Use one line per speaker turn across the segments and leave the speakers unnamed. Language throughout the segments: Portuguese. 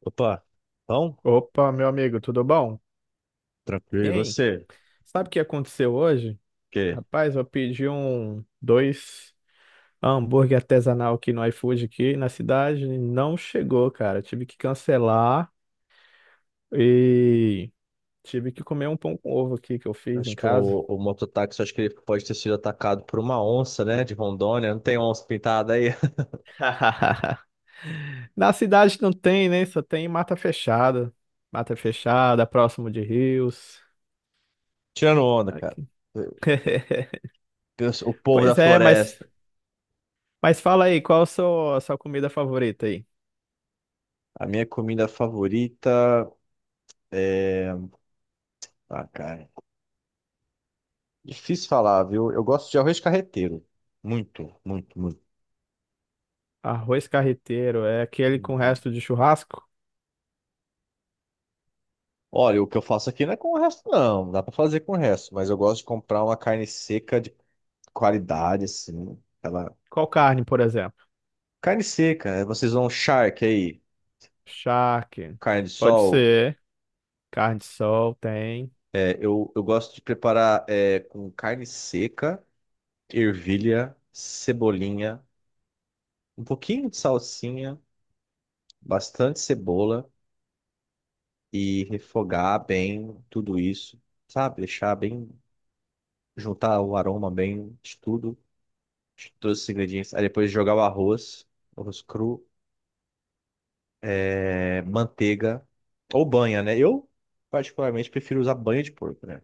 Opa, então,
Opa, meu amigo, tudo bom?
tranquilo, e
Hein?
você?
Sabe o que aconteceu hoje?
Porque
Rapaz, eu pedi dois hambúrguer artesanal aqui no iFood aqui na cidade, e não chegou, cara. Tive que cancelar e tive que comer um pão com ovo aqui que eu fiz em
acho que
casa.
o mototáxi, acho que ele pode ter sido atacado por uma onça, né, de Rondônia. Não tem onça pintada aí?
Na cidade não tem, né? Só tem mata fechada. Mata fechada, próximo de rios.
Tirando onda, cara.
Aqui.
Eu- O povo da
Pois é,
floresta.
mas fala aí, qual a sua comida favorita aí?
A minha comida favorita é... Ah, cara, difícil falar, viu? Eu gosto de arroz carreteiro. Muito, muito, muito.
Arroz carreteiro é aquele com
Uhum.
resto de churrasco?
Olha, o que eu faço aqui não é com o resto, não. Dá pra fazer com o resto, mas eu gosto de comprar uma carne seca de qualidade, assim. Ela
Qual carne, por exemplo?
Carne seca, é, vocês vão charque aí,
Charque.
carne de
Pode
sol.
ser. Carne de sol tem.
É, eu gosto de preparar é, com carne seca, ervilha, cebolinha, um pouquinho de salsinha, bastante cebola e refogar bem tudo isso, sabe? Deixar bem, juntar o aroma bem de tudo, de todos os ingredientes. Aí depois jogar o arroz, arroz cru, é, manteiga ou banha, né? Eu particularmente prefiro usar banha de porco, né?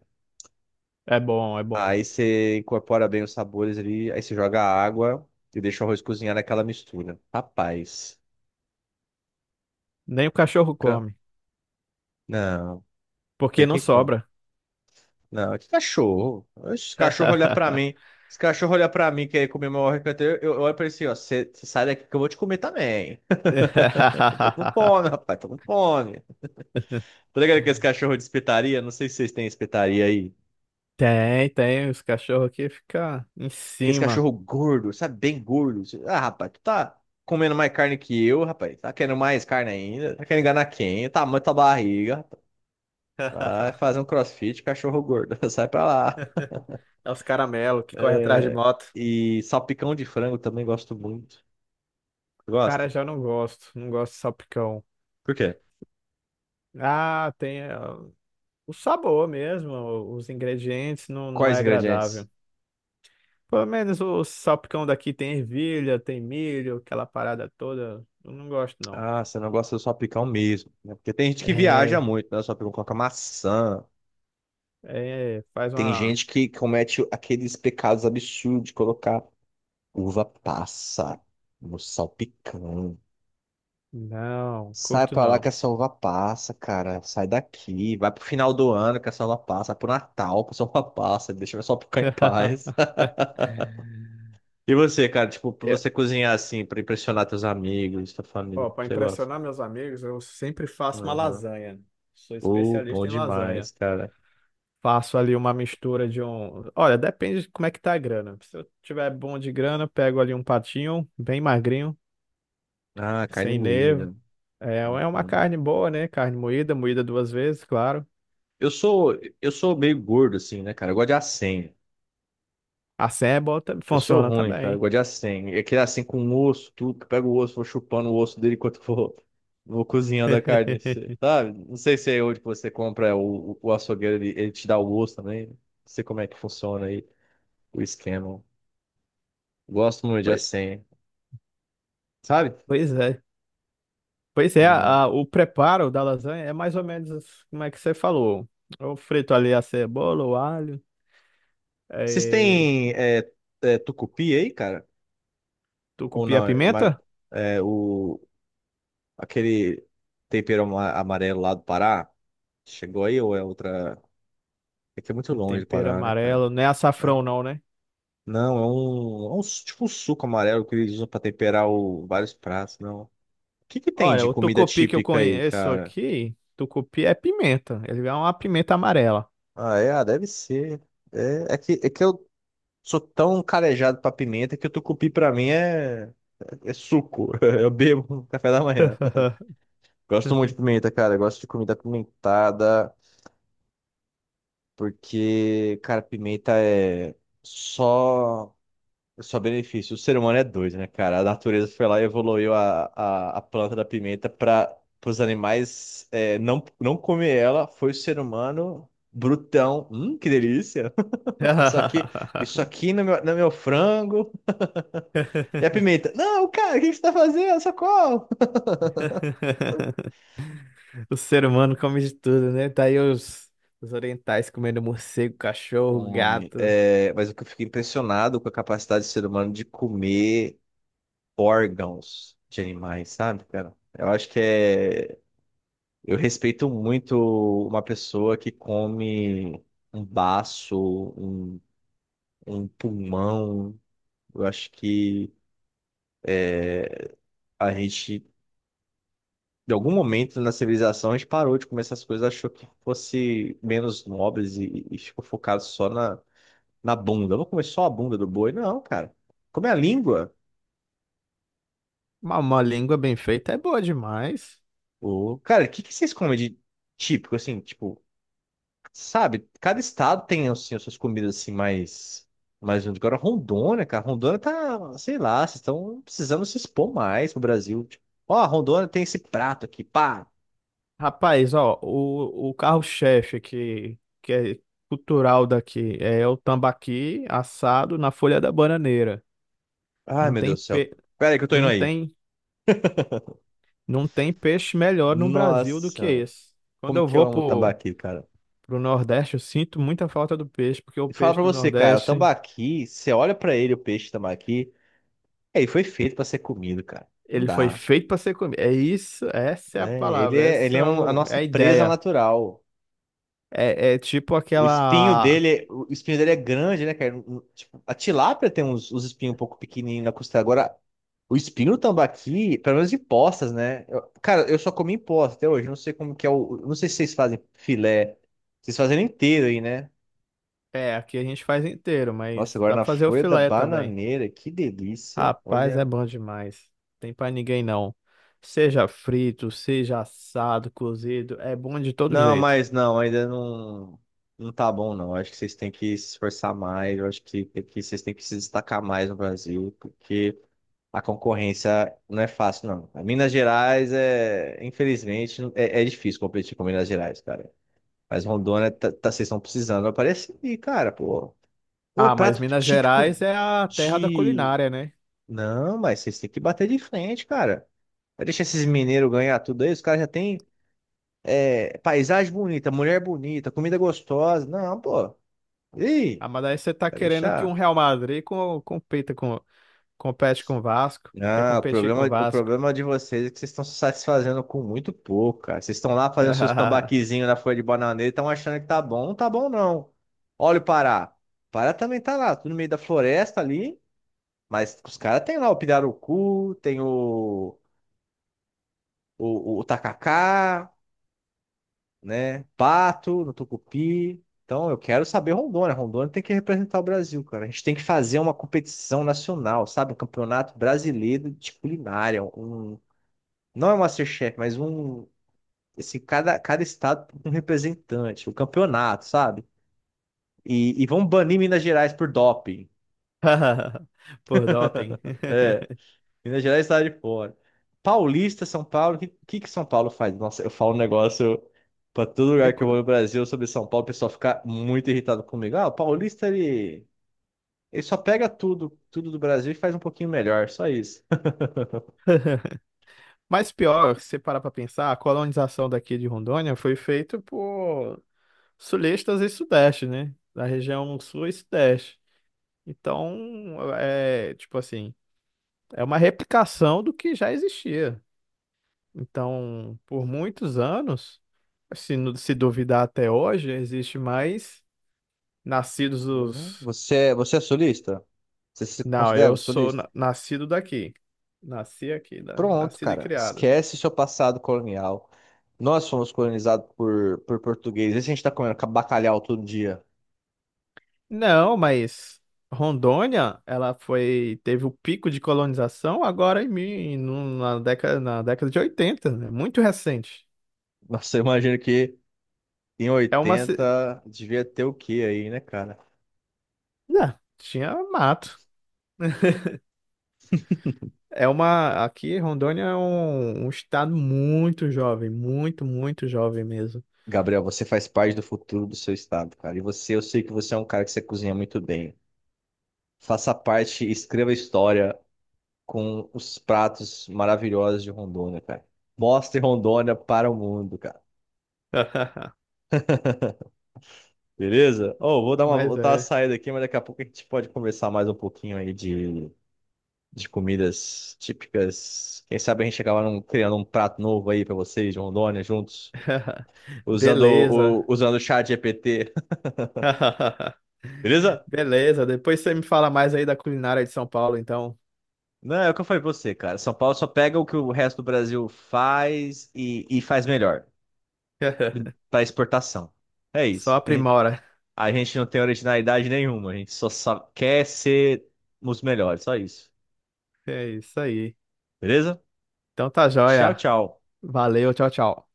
É bom, é bom.
Aí você incorpora bem os sabores ali, aí você joga a água e deixa o arroz cozinhar naquela mistura. Rapaz,
Nem o cachorro
fica-
come,
não,
porque
tem
não
que comer.
sobra.
Não, que cachorro. Os cachorro olha pra mim. Os cachorro olha pra mim, quer comer meu arroz. Canteiro. Eu olho pra ele assim, ó. Você sai daqui que eu vou te comer também. Eu tô com fome, rapaz, tô com fome. Tá ligado que esse cachorro é de espetaria? Não sei se vocês têm espetaria aí.
Tem, tem. Os cachorros aqui ficam em
Aqueles
cima.
cachorro gordo, sabe? Bem gordo. Ah, rapaz, tu tá comendo mais carne que eu, rapaz. Tá querendo mais carne ainda? Tá querendo enganar quem? Tá tamanho da tua barriga. Rapaz. Vai fazer um crossfit, cachorro gordo. Sai pra lá.
É os caramelo que corre atrás de moto.
E salpicão de frango também gosto muito.
Cara,
Gosta?
já não gosto. Não gosto de salpicão.
Por quê?
Ah, tem o sabor mesmo. Os ingredientes não, não é
Quais ingredientes?
agradável. Pelo menos o salpicão daqui tem ervilha, tem milho, aquela parada toda. Eu não gosto, não.
Ah, você não gosta do salpicão mesmo, né? Porque tem gente que viaja
É,
muito, né? O salpicão coloca maçã.
é, faz
Tem
uma.
gente que comete aqueles pecados absurdos de colocar uva passa no salpicão.
Não,
Sai
curto
pra lá que
não.
a selva passa, cara. Sai daqui. Vai pro final do ano que a selva passa. Pro Natal que a selva passa. Deixa eu só ficar em paz. E você, cara? Tipo, pra você
Eu-
cozinhar assim, pra impressionar teus amigos, tua família, o
Ó,
que
para
você gosta?
impressionar meus amigos, eu sempre faço uma
Aham.
lasanha. Sou
Oh, bom
especialista em
demais,
lasanha.
cara.
Faço ali uma mistura de um. Olha, depende de como é que tá a grana. Se eu tiver bom de grana, eu pego ali um patinho, bem magrinho,
Ah, carne
sem nervo.
moída.
É,
Muito
é uma
bom.
carne boa, né? Carne moída, moída duas vezes, claro.
Eu sou, eu sou meio gordo, assim, né, cara? Eu gosto de acém.
A senha é
Eu sou
funciona
ruim, cara. Eu
também.
gosto de assim. É aquele assim com osso, tudo. Que pega o osso, vou chupando o osso dele enquanto vou, vou cozinhando a carne. Assim, sabe? Não sei se é onde que você compra o açougueiro, ele te dá o osso também. Não sei como é que funciona aí o esquema. Gosto muito de
Pois
assim. Sabe?
pois é. Pois é,
Hum.
o preparo da lasanha é mais ou menos como é que você falou. Eu frito ali a cebola, o alho,
Vocês
eh,
têm tucupi aí, cara? Ou
tucupi, a
não?
pimenta,
É, o, aquele tempero amarelo lá do Pará? Chegou aí ou é outra? É que é muito
um
longe do
tempero
Pará, né, cara?
amarelo, não é açafrão não, né?
Não, é um tipo um suco amarelo que eles usam pra temperar vários pratos, não. O que que tem
Olha,
de
o
comida
tucupi que eu
típica aí,
conheço
cara?
aqui, tucupi é pimenta, ele é uma pimenta amarela.
Ah, é, ah, deve ser. É, é que eu sou tão calejado pra pimenta que o tucupi pra mim é suco. Eu bebo no café da manhã. Gosto muito de pimenta, cara. Eu gosto de comida apimentada, porque, cara, pimenta é só. Só benefício. O ser humano é doido, né, cara? A natureza foi lá e evoluiu a planta da pimenta para os animais é, não, não comer ela. Foi o ser humano brutão. Que delícia! Isso aqui, isso aqui no meu frango. E a pimenta. Não, cara, o que que você tá fazendo? Socorro!
O ser humano come de tudo, né? Tá aí os orientais comendo morcego, cachorro,
Come.
gato.
É, mas o que eu fiquei impressionado com a capacidade do ser humano de comer órgãos de animais, sabe, cara? Eu acho que é. Eu respeito muito uma pessoa que come um baço, um, um pulmão. Eu acho que a gente, de algum momento na civilização, a gente parou de comer essas coisas, achou que fosse menos nobres e ficou focado só na bunda. Eu vou comer só a bunda do boi? Não, cara. Comer a língua.
Uma língua bem feita é boa demais.
Ô, cara, que vocês comem de típico, assim, tipo. Sabe, cada estado tem assim, as suas comidas assim mais junto. Agora Rondônia, cara, Rondônia tá, sei lá, vocês estão precisando se expor mais pro Brasil. Tipo, ó, Rondônia tem esse prato aqui, pá.
Rapaz, ó, o carro-chefe que é cultural daqui é o tambaqui assado na folha da bananeira.
Ai,
Não
meu
tem,
Deus do céu.
pe...
Pera aí que eu tô indo
não
aí.
tem, não tem peixe melhor no Brasil do que
Nossa, velho.
esse. Quando
Como
eu
que eu
vou
amo
pro,
tambaqui, cara?
pro Nordeste, eu sinto muita falta do peixe, porque o
E fala
peixe
pra
do
você, cara, o
Nordeste.
tambaqui, você olha pra ele, o peixe tambaqui, é, ele foi feito pra ser comido, cara. Não
Ele foi
dá.
feito para ser comido. É isso, essa é a
É, ele
palavra,
é, ele é a
é
nossa
a
presa
ideia.
natural.
É, é tipo aquela.
O espinho dele é grande, né, cara? Tipo, a tilápia tem uns, os espinhos um pouco pequenininhos na costela. Agora, o espinho do tambaqui, pelo menos de postas, né? Cara, eu só comi em posta até hoje. Não sei como que é o. Não sei se vocês fazem filé. Vocês fazem ele inteiro aí, né?
É, aqui a gente faz inteiro,
Nossa,
mas
agora
dá
na
para fazer o
folha da
filé também.
bananeira, que delícia.
Rapaz, é
Olha.
bom demais. Tem para ninguém não. Seja frito, seja assado, cozido, é bom de todo
Não,
jeito.
mas não, ainda não, não tá bom, não. Acho que vocês têm que se esforçar mais, eu acho que, tem que vocês têm que se destacar mais no Brasil, porque a concorrência não é fácil, não. A Minas Gerais é, infelizmente, é difícil competir com Minas Gerais, cara. Mas Rondônia, vocês estão precisando aparecer, e, cara, pô. Pô,
Ah, mas
prato
Minas
típico
Gerais é a terra da
de.
culinária, né?
Não, mas vocês têm que bater de frente, cara. Vai deixar esses mineiros ganhar tudo aí, os caras já têm. É, paisagem bonita, mulher bonita, comida gostosa. Não, pô. Ih,
Ah, mas aí você tá
vai
querendo que um
deixar.
Compita com, compete com o Vasco? Quer
Não, o
competir com
problema,
o
o
Vasco?
problema de vocês é que vocês estão se satisfazendo com muito pouco, cara. Vocês estão lá fazendo seus tambaquizinhos na folha de bananeira e estão achando que tá bom. Não tá bom, não. Olha o Pará. O Pará também tá lá, tudo no meio da floresta ali. Mas os caras têm lá o pirarucu, tem o, o tacacá. Né? Pato, no Tucupi. Então, eu quero saber Rondônia. Rondônia tem que representar o Brasil, cara. A gente tem que fazer uma competição nacional, sabe? Um campeonato brasileiro de culinária. Um... Não é um MasterChef, mas um. Assim, cada estado tem um representante, o um campeonato, sabe? E vão banir Minas Gerais por doping.
Por doping.
É, Minas Gerais está de fora. Paulista, São Paulo, que São Paulo faz? Nossa, eu falo um negócio para todo
E
lugar que eu vou
cu-
no Brasil sobre São Paulo, o pessoal fica muito irritado comigo. Ah, o paulista, ele só pega tudo, tudo do Brasil e faz um pouquinho melhor, só isso.
Mas pior, se parar para pensar, a colonização daqui de Rondônia foi feita por sulistas e sudeste, né? Da região sul e sudeste. Então, é tipo assim, é uma replicação do que já existia. Então, por muitos anos, se duvidar até hoje, existe mais nascidos
Uhum.
dos.
Você, você é sulista? Você se
Não,
considera um
eu sou
sulista?
nascido daqui. Nasci aqui, né?
Pronto,
Nascido e
cara.
criado.
Esquece seu passado colonial. Nós fomos colonizados por portugueses. E se a gente tá comendo bacalhau todo dia.
Não, mas Rondônia, ela foi, teve o pico de colonização agora em na década de 80, né? Muito recente.
Nossa, eu imagino que em
É uma, ci-
80 devia ter o quê aí, né, cara?
não, tinha mato. Aqui Rondônia é um, um estado muito jovem, muito, muito jovem mesmo.
Gabriel, você faz parte do futuro do seu estado, cara. E você, eu sei que você é um cara que você cozinha muito bem. Faça parte, escreva história com os pratos maravilhosos de Rondônia, cara. Mostre Rondônia para o mundo, cara. Beleza? Oh, vou dar uma,
Mas
vou dar uma
é.
saída aqui, mas daqui a pouco a gente pode conversar mais um pouquinho aí de comidas típicas. Quem sabe a gente acaba criando um prato novo aí para vocês de Rondônia juntos, usando
Beleza.
o chat GPT. Beleza?
Beleza, depois você me fala mais aí da culinária de São Paulo, então.
Não, é o que eu falei pra você, cara. São Paulo só pega o que o resto do Brasil faz e faz melhor para exportação. É
Só
isso.
aprimora.
A gente não tem originalidade nenhuma, a gente só quer ser os melhores, só isso.
É isso aí.
Beleza?
Então tá
Tchau,
joia.
tchau.
Valeu, tchau, tchau.